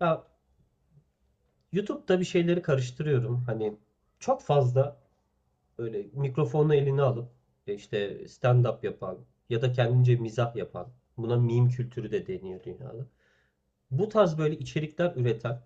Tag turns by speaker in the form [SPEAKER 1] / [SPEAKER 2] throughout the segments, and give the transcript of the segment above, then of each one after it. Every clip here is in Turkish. [SPEAKER 1] Ya, YouTube'da bir şeyleri karıştırıyorum. Hani çok fazla böyle mikrofonu eline alıp işte stand-up yapan ya da kendince mizah yapan. Buna meme kültürü de deniyor dünyada. Bu tarz böyle içerikler üreten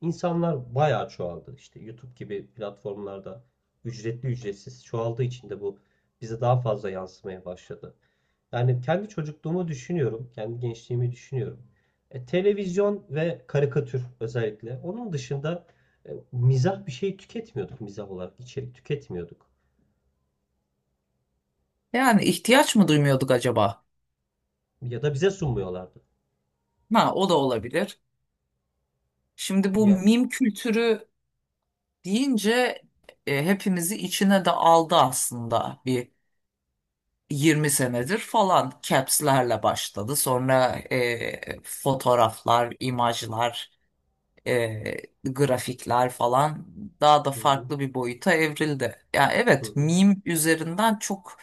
[SPEAKER 1] insanlar bayağı çoğaldı. İşte YouTube gibi platformlarda ücretli ücretsiz çoğaldığı için de bu bize daha fazla yansımaya başladı. Yani kendi çocukluğumu düşünüyorum, kendi gençliğimi düşünüyorum. Televizyon ve karikatür özellikle. Onun dışında mizah bir şey tüketmiyorduk mizah olarak, içerik tüketmiyorduk.
[SPEAKER 2] Yani ihtiyaç mı duymuyorduk acaba?
[SPEAKER 1] Ya da bize sunmuyorlardı.
[SPEAKER 2] Ha, o da olabilir. Şimdi bu
[SPEAKER 1] Ya,
[SPEAKER 2] mim kültürü deyince hepimizi içine de aldı aslında bir 20 senedir falan caps'lerle başladı. Sonra fotoğraflar, imajlar, e, grafikler falan daha da
[SPEAKER 1] hı hı,
[SPEAKER 2] farklı bir boyuta evrildi. Ya
[SPEAKER 1] hı
[SPEAKER 2] evet,
[SPEAKER 1] hı.
[SPEAKER 2] mim üzerinden çok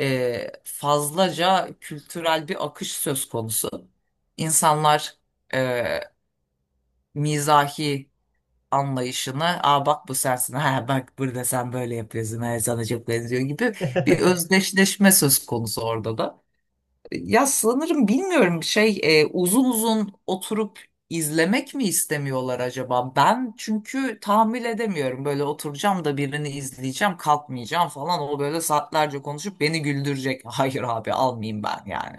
[SPEAKER 2] fazlaca kültürel bir akış söz konusu. İnsanlar e, mizahi anlayışını bak bu sensin, ha bak burada sen böyle yapıyorsun, ha, sana çok benziyor gibi bir özdeşleşme söz konusu orada da. Ya sanırım bilmiyorum şey, uzun uzun oturup izlemek mi istemiyorlar acaba? Ben çünkü tahammül edemiyorum, böyle oturacağım da birini izleyeceğim, kalkmayacağım falan, o böyle saatlerce konuşup beni güldürecek. Hayır abi, almayayım ben yani.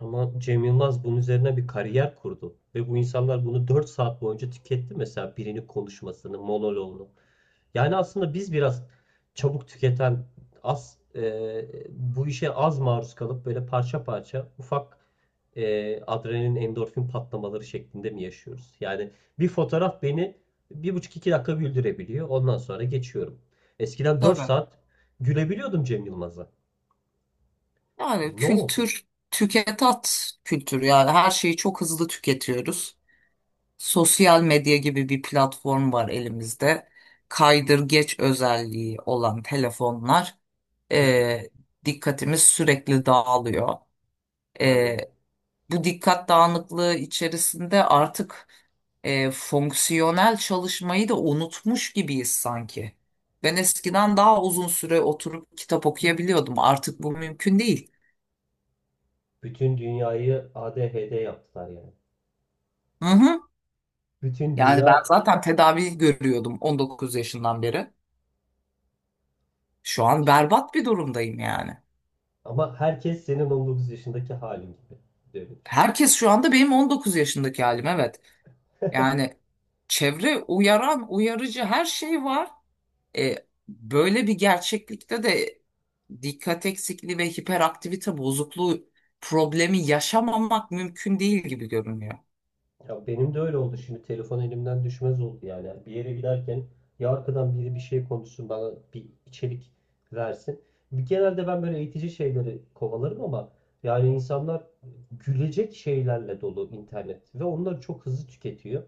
[SPEAKER 1] Ama Cem Yılmaz bunun üzerine bir kariyer kurdu. Ve bu insanlar bunu 4 saat boyunca tüketti mesela birinin konuşmasını, monoloğunu. Yani aslında biz biraz çabuk tüketen, az bu işe az maruz kalıp böyle parça parça ufak adrenalin, endorfin patlamaları şeklinde mi yaşıyoruz? Yani bir fotoğraf beni bir buçuk iki dakika güldürebiliyor. Ondan sonra geçiyorum. Eskiden dört
[SPEAKER 2] Tabii.
[SPEAKER 1] saat gülebiliyordum Cem Yılmaz'a.
[SPEAKER 2] Yani
[SPEAKER 1] Ne oldu?
[SPEAKER 2] kültür, tüket at kültürü, yani her şeyi çok hızlı tüketiyoruz. Sosyal medya gibi bir platform var elimizde. Kaydırgeç özelliği olan telefonlar,
[SPEAKER 1] Hı hı.
[SPEAKER 2] e, dikkatimiz sürekli dağılıyor.
[SPEAKER 1] Aynen
[SPEAKER 2] E,
[SPEAKER 1] öyle.
[SPEAKER 2] bu dikkat dağınıklığı içerisinde artık fonksiyonel çalışmayı da unutmuş gibiyiz sanki. Ben eskiden daha uzun süre oturup kitap okuyabiliyordum. Artık bu mümkün değil.
[SPEAKER 1] Bütün dünyayı ADHD yaptılar yani.
[SPEAKER 2] Hı hı.
[SPEAKER 1] Bütün
[SPEAKER 2] Yani ben
[SPEAKER 1] dünya
[SPEAKER 2] zaten tedavi görüyordum 19 yaşından beri. Şu an berbat bir durumdayım yani.
[SPEAKER 1] ama herkes senin 19 yaşındaki halin gibi. Öyle düşün.
[SPEAKER 2] Herkes şu anda benim 19 yaşındaki halim, evet. Yani çevre uyaran, uyarıcı her şey var. E, böyle bir gerçeklikte de dikkat eksikliği ve hiperaktivite bozukluğu problemi yaşamamak mümkün değil gibi görünüyor.
[SPEAKER 1] Ya, benim de öyle oldu. Şimdi telefon elimden düşmez oldu yani. Bir yere giderken ya arkadan biri bir şey konuşsun bana bir içerik versin. Genelde ben böyle eğitici şeyleri kovalarım ama yani insanlar gülecek şeylerle dolu internet ve onları çok hızlı tüketiyor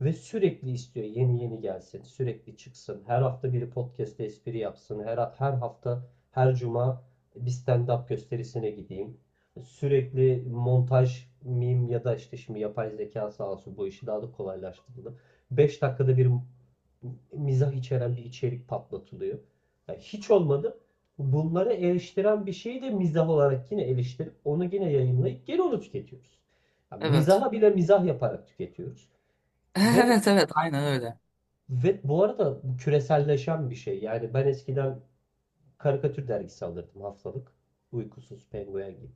[SPEAKER 1] ve sürekli istiyor yeni yeni gelsin, sürekli çıksın. Her hafta biri podcast'te espri yapsın. Her hafta her cuma bir stand-up gösterisine gideyim. Sürekli montaj, meme ya da işte şimdi yapay zeka sağ olsun bu işi daha da kolaylaştırdı. 5 dakikada bir mizah içeren bir içerik patlatılıyor. Yani hiç olmadı. Bunları eleştiren bir şeyi de mizah olarak yine eleştirip onu yine yayınlayıp geri onu tüketiyoruz. Yani
[SPEAKER 2] Evet.
[SPEAKER 1] mizaha bile mizah yaparak tüketiyoruz. Ve
[SPEAKER 2] Evet, evet, aynen öyle.
[SPEAKER 1] ve bu arada bu küreselleşen bir şey. Yani ben eskiden karikatür dergisi alırdım haftalık. Uykusuz Penguen gibi.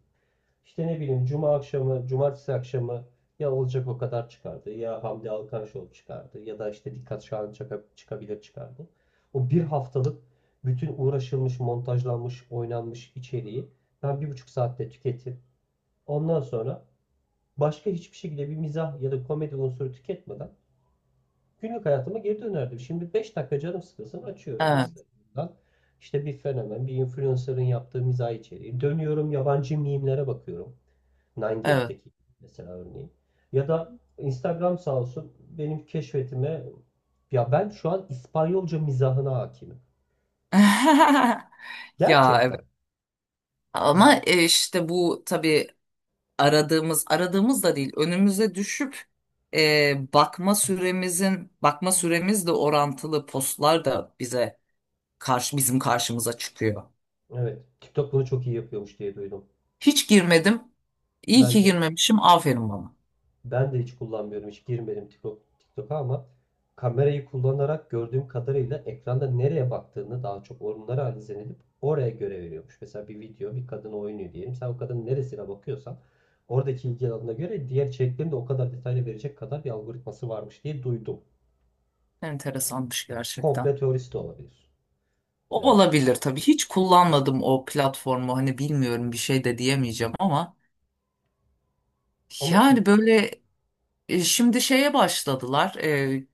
[SPEAKER 1] İşte ne bileyim cuma akşamı, cumartesi akşamı ya Olacak o kadar çıkardı ya Hamdi Alkanşol çıkardı ya da işte Dikkat Şahin çıkabilir çıkardı. O bir haftalık bütün uğraşılmış, montajlanmış, oynanmış içeriği ben 1,5 saatte tüketip ondan sonra başka hiçbir şekilde bir mizah ya da komedi unsuru tüketmeden günlük hayatıma geri dönerdim. Şimdi 5 dakika canım sıkılsın açıyorum
[SPEAKER 2] Evet,
[SPEAKER 1] Instagram'dan. İşte bir fenomen, bir influencer'ın yaptığı mizah içeriği. Dönüyorum yabancı mimlere bakıyorum.
[SPEAKER 2] evet.
[SPEAKER 1] 9gag'teki mesela örneğin. Ya da Instagram sağ olsun benim keşfetime ya ben şu an İspanyolca mizahına hakimim.
[SPEAKER 2] Ya
[SPEAKER 1] Gerçekten.
[SPEAKER 2] evet. Ama işte bu tabii aradığımız da değil, önümüze düşüp bakma süremizle orantılı postlar da bize karşı bizim karşımıza çıkıyor.
[SPEAKER 1] Evet. TikTok bunu çok iyi yapıyormuş diye duydum.
[SPEAKER 2] Hiç girmedim. İyi
[SPEAKER 1] Ben
[SPEAKER 2] ki
[SPEAKER 1] de.
[SPEAKER 2] girmemişim. Aferin bana.
[SPEAKER 1] Ben de hiç kullanmıyorum. Hiç girmedim TikTok'a ama kamerayı kullanarak gördüğüm kadarıyla ekranda nereye baktığını daha çok onları analiz edip oraya göre veriyormuş. Mesela bir video bir kadın oynuyor diyelim. Sen o kadının neresine bakıyorsan oradaki ilgi alanına göre diğer içeriklerini de o kadar detaylı verecek kadar bir algoritması varmış diye duydum. Yani
[SPEAKER 2] Enteresanmış gerçekten.
[SPEAKER 1] komple teorisi de olabilir.
[SPEAKER 2] O
[SPEAKER 1] Bilemem.
[SPEAKER 2] olabilir tabii. Hiç kullanmadım o platformu. Hani bilmiyorum, bir şey de diyemeyeceğim, ama
[SPEAKER 1] Ama
[SPEAKER 2] yani böyle şimdi şeye başladılar.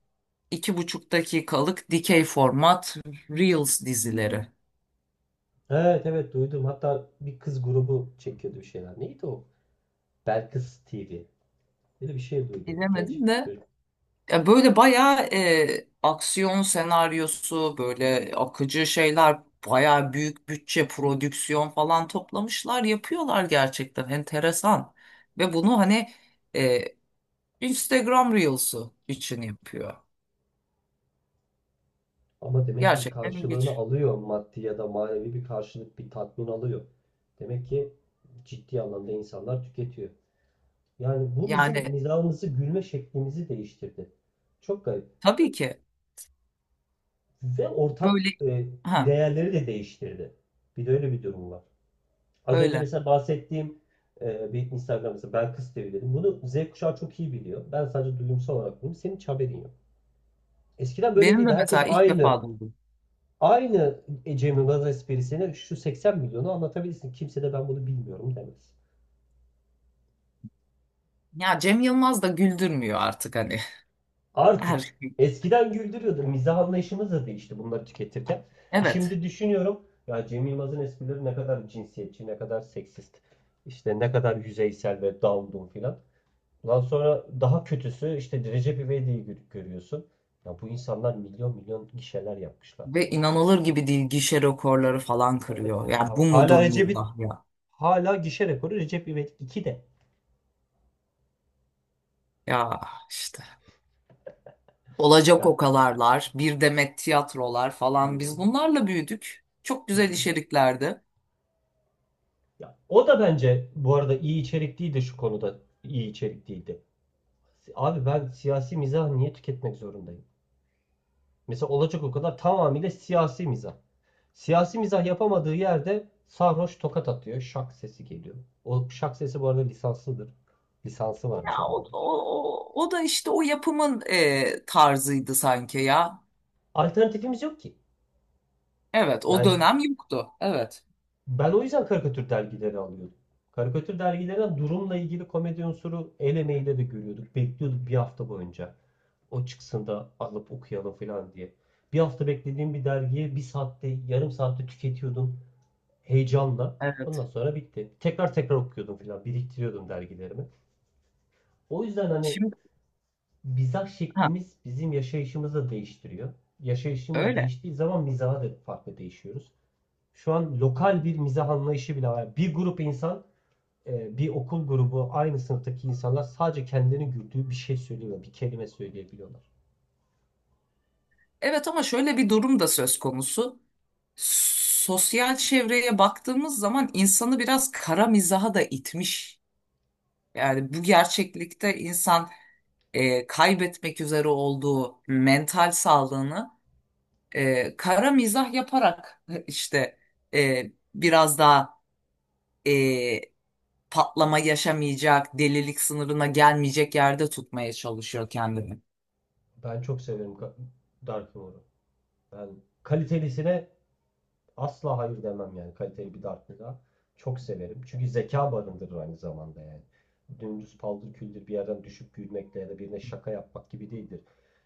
[SPEAKER 2] İki buçuk dakikalık dikey format Reels dizileri.
[SPEAKER 1] evet, evet, duydum. Hatta bir kız grubu çekiyordu bir şeyler. Neydi o? Belkıs TV. Böyle bir şey duydum. Genç
[SPEAKER 2] Bilemedim de
[SPEAKER 1] çocuk.
[SPEAKER 2] ya böyle bayağı aksiyon senaryosu, böyle akıcı şeyler, bayağı büyük bütçe prodüksiyon falan toplamışlar, yapıyorlar gerçekten enteresan, ve bunu hani e, Instagram Reels'u için yapıyor,
[SPEAKER 1] Ama demek ki bir
[SPEAKER 2] gerçekten
[SPEAKER 1] karşılığını
[SPEAKER 2] ilginç.
[SPEAKER 1] alıyor maddi ya da manevi bir karşılık, bir tatmin alıyor. Demek ki ciddi anlamda insanlar tüketiyor. Yani bu bizim
[SPEAKER 2] Yani
[SPEAKER 1] mizahımızı, gülme şeklimizi değiştirdi. Çok garip.
[SPEAKER 2] tabii ki
[SPEAKER 1] Ve ortak
[SPEAKER 2] böyle, ha
[SPEAKER 1] değerleri de değiştirdi. Bir de öyle bir durum var. Az önce
[SPEAKER 2] öyle.
[SPEAKER 1] mesela bahsettiğim bir Instagram mesela ben kız TV dedim. Bunu Z kuşağı çok iyi biliyor. Ben sadece duyumsal olarak biliyorum. Senin hiç haberin yok. Eskiden böyle
[SPEAKER 2] Benim de
[SPEAKER 1] değildi. Herkes
[SPEAKER 2] mesela ilk
[SPEAKER 1] aynı
[SPEAKER 2] defa duydum.
[SPEAKER 1] Aynı Cemil Gaza esprisini şu 80 milyonu anlatabilirsin. Kimse de ben bunu bilmiyorum demez.
[SPEAKER 2] Ya Cem Yılmaz da güldürmüyor artık hani. Her
[SPEAKER 1] Artık
[SPEAKER 2] şey,
[SPEAKER 1] eskiden güldürüyordu. Mizah anlayışımız da değişti bunları tüketirken.
[SPEAKER 2] evet.
[SPEAKER 1] Şimdi düşünüyorum ya Cem Yılmaz'ın esprileri ne kadar cinsiyetçi, ne kadar seksist, işte ne kadar yüzeysel ve down filan. Ondan sonra daha kötüsü işte Recep İvedik'i görüyorsun. Ya bu insanlar milyon milyon gişeler yapmışlar.
[SPEAKER 2] Ve inanılır gibi değil, gişe rekorları falan
[SPEAKER 1] Evet.
[SPEAKER 2] kırıyor. Yani bu mudur
[SPEAKER 1] Hala Recep'i
[SPEAKER 2] mizah ya?
[SPEAKER 1] Hala gişe rekoru Recep İvedik 2'de.
[SPEAKER 2] Ya işte. Olacak
[SPEAKER 1] Yani.
[SPEAKER 2] okalarlar, bir demet tiyatrolar
[SPEAKER 1] Hı
[SPEAKER 2] falan,
[SPEAKER 1] hı.
[SPEAKER 2] biz bunlarla büyüdük. Çok
[SPEAKER 1] Hı
[SPEAKER 2] güzel
[SPEAKER 1] hı.
[SPEAKER 2] içeriklerdi.
[SPEAKER 1] Ya, o da bence bu arada iyi içerikliydi şu konuda. İyi içerikliydi. Abi ben siyasi mizah niye tüketmek zorundayım? Mesela olacak o kadar tamamıyla siyasi mizah. Siyasi mizah yapamadığı yerde sarhoş tokat atıyor. Şak sesi geliyor. O şak sesi bu arada lisanslıdır. Lisansı
[SPEAKER 2] Ya
[SPEAKER 1] varmış
[SPEAKER 2] o,
[SPEAKER 1] adamın.
[SPEAKER 2] o, o, o da işte o yapımın tarzıydı sanki ya.
[SPEAKER 1] Alternatifimiz yok ki.
[SPEAKER 2] Evet o
[SPEAKER 1] Yani
[SPEAKER 2] dönem yoktu. Evet.
[SPEAKER 1] ben o yüzden karikatür dergileri alıyordum. Karikatür dergilerinden durumla ilgili komedi unsuru el emeğiyle de görüyorduk. Bekliyorduk bir hafta boyunca. O çıksın da alıp okuyalım falan diye. Bir hafta beklediğim bir dergiyi bir saatte, yarım saatte tüketiyordum heyecanla. Ondan
[SPEAKER 2] Evet.
[SPEAKER 1] sonra bitti. Tekrar tekrar okuyordum falan, biriktiriyordum dergilerimi. O yüzden hani
[SPEAKER 2] Şimdi
[SPEAKER 1] mizah
[SPEAKER 2] ha,
[SPEAKER 1] şeklimiz bizim yaşayışımızı da değiştiriyor. Yaşayışımız
[SPEAKER 2] öyle.
[SPEAKER 1] değiştiği zaman mizaha da farklı değişiyoruz. Şu an lokal bir mizah anlayışı bile var. Bir grup insan bir okul grubu aynı sınıftaki insanlar sadece kendilerini güldüğü bir şey söylüyor, bir kelime söyleyebiliyorlar.
[SPEAKER 2] Evet ama şöyle bir durum da söz konusu. Sosyal çevreye baktığımız zaman insanı biraz kara mizaha da itmiş. Yani bu gerçeklikte insan kaybetmek üzere olduğu mental sağlığını kara mizah yaparak işte biraz daha e, patlama yaşamayacak, delilik sınırına gelmeyecek yerde tutmaya çalışıyor kendini.
[SPEAKER 1] Ben çok severim Dark Humor'u. Ben kalitelisine asla hayır demem yani kaliteli bir Dark'lığa. Çok severim. Çünkü zeka barındırır aynı zamanda yani. Dümdüz paldır küldür bir yerden düşüp gülmekle ya da birine şaka yapmak gibi değildir.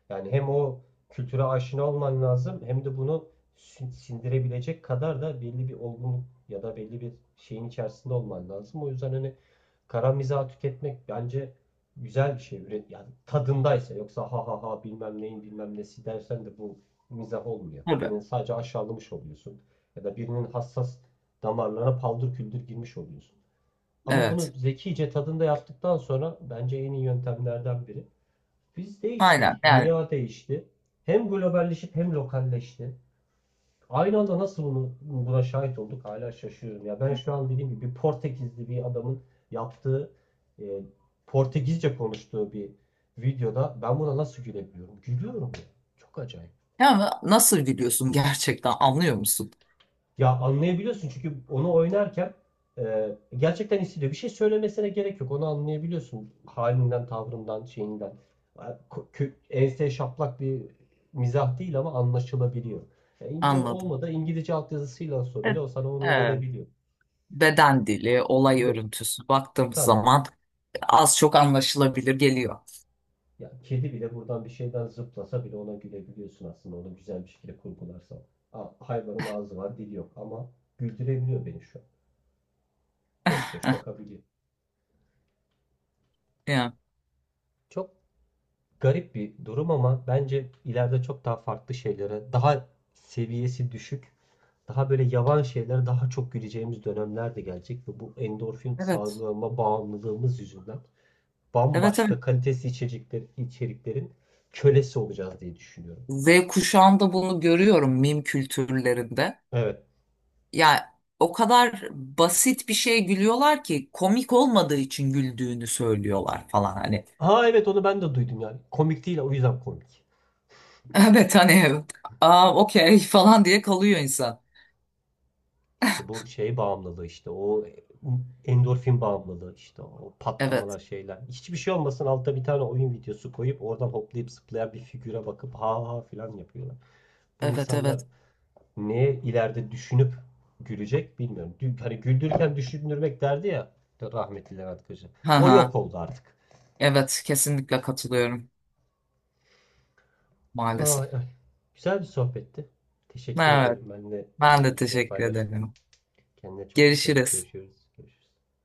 [SPEAKER 1] Yani hem o kültüre aşina olman lazım hem de bunu sindirebilecek kadar da belli bir olgunluk ya da belli bir şeyin içerisinde olman lazım. O yüzden hani kara mizahı tüketmek bence güzel bir şey. Üret yani tadındaysa yoksa ha ha ha bilmem neyin bilmem nesi dersen de bu mizah olmuyor.
[SPEAKER 2] Tabii.
[SPEAKER 1] Birini sadece aşağılamış oluyorsun ya da birinin hassas damarlarına paldır küldür girmiş oluyorsun. Ama bunu
[SPEAKER 2] Evet.
[SPEAKER 1] zekice tadında yaptıktan sonra bence en iyi yöntemlerden biri. Biz
[SPEAKER 2] Aynen.
[SPEAKER 1] değiştik,
[SPEAKER 2] Yani
[SPEAKER 1] dünya değişti. Hem globalleşip hem lokalleşti. Aynı anda nasıl bunu, buna şahit olduk hala şaşıyorum. Ya, ben şu an dediğim gibi bir Portekizli bir adamın yaptığı, e, Portekizce konuştuğu bir videoda ben buna nasıl gülebiliyorum? Gülüyorum ya. Çok acayip.
[SPEAKER 2] ama nasıl gülüyorsun, gerçekten anlıyor musun?
[SPEAKER 1] Ya anlayabiliyorsun çünkü onu oynarken gerçekten hissediyor. Bir şey söylemesine gerek yok. Onu anlayabiliyorsun halinden, tavrından, şeyinden. Ha, ense şaplak bir mizah değil ama anlaşılabiliyor. Ya
[SPEAKER 2] Anladım.
[SPEAKER 1] İngilizce altyazısıyla olsa
[SPEAKER 2] Evet.
[SPEAKER 1] bile o sana onu
[SPEAKER 2] Evet.
[SPEAKER 1] verebiliyor.
[SPEAKER 2] Beden dili, olay
[SPEAKER 1] Be,
[SPEAKER 2] örüntüsü baktığımız
[SPEAKER 1] tabii.
[SPEAKER 2] zaman az çok anlaşılabilir geliyor.
[SPEAKER 1] Ya kedi bile buradan bir şeyden zıplasa bile ona gülebiliyorsun aslında onu güzel bir şekilde kurgularsan. Ha, hayvanın ağzı var, dili yok ama güldürebiliyor beni şu an. Boş boş bakabiliyor.
[SPEAKER 2] Yani.
[SPEAKER 1] Çok garip bir durum ama bence ileride çok daha farklı şeylere, daha seviyesi düşük, daha böyle yavan şeylere daha çok güleceğimiz dönemler de gelecek ve bu endorfin
[SPEAKER 2] Evet.
[SPEAKER 1] salgılama bağımlılığımız yüzünden
[SPEAKER 2] Evet,
[SPEAKER 1] bambaşka
[SPEAKER 2] evet.
[SPEAKER 1] kalitesiz içecekler, içeriklerin kölesi olacağız diye düşünüyorum.
[SPEAKER 2] Z kuşağında bunu görüyorum, mim kültürlerinde.
[SPEAKER 1] Evet.
[SPEAKER 2] Yani o kadar basit bir şeye gülüyorlar ki komik olmadığı için güldüğünü söylüyorlar falan hani.
[SPEAKER 1] Ha, evet, onu ben de duydum yani. Komik değil o yüzden komik.
[SPEAKER 2] Evet hani, aa okey falan diye kalıyor insan.
[SPEAKER 1] İşte bu şey bağımlılığı işte o endorfin bağımlılığı işte o
[SPEAKER 2] Evet.
[SPEAKER 1] patlamalar şeyler. Hiçbir şey olmasın altta bir tane oyun videosu koyup oradan hoplayıp zıplayan bir figüre bakıp ha ha filan yapıyorlar. Bu
[SPEAKER 2] Evet,
[SPEAKER 1] insanlar
[SPEAKER 2] evet.
[SPEAKER 1] neye ileride düşünüp gülecek bilmiyorum. Dün, hani güldürürken düşündürmek derdi ya rahmetli Levent Kırca.
[SPEAKER 2] Ha
[SPEAKER 1] O
[SPEAKER 2] ha.
[SPEAKER 1] yok oldu artık.
[SPEAKER 2] Evet, kesinlikle katılıyorum, maalesef.
[SPEAKER 1] Ay, ay. Güzel bir sohbetti. Teşekkür
[SPEAKER 2] Evet.
[SPEAKER 1] ederim. Benimle
[SPEAKER 2] Ben de
[SPEAKER 1] düşünceleri
[SPEAKER 2] teşekkür
[SPEAKER 1] paylaştın.
[SPEAKER 2] ederim.
[SPEAKER 1] Kendine çok dikkat et.
[SPEAKER 2] Görüşürüz.
[SPEAKER 1] Görüşürüz. Görüşürüz.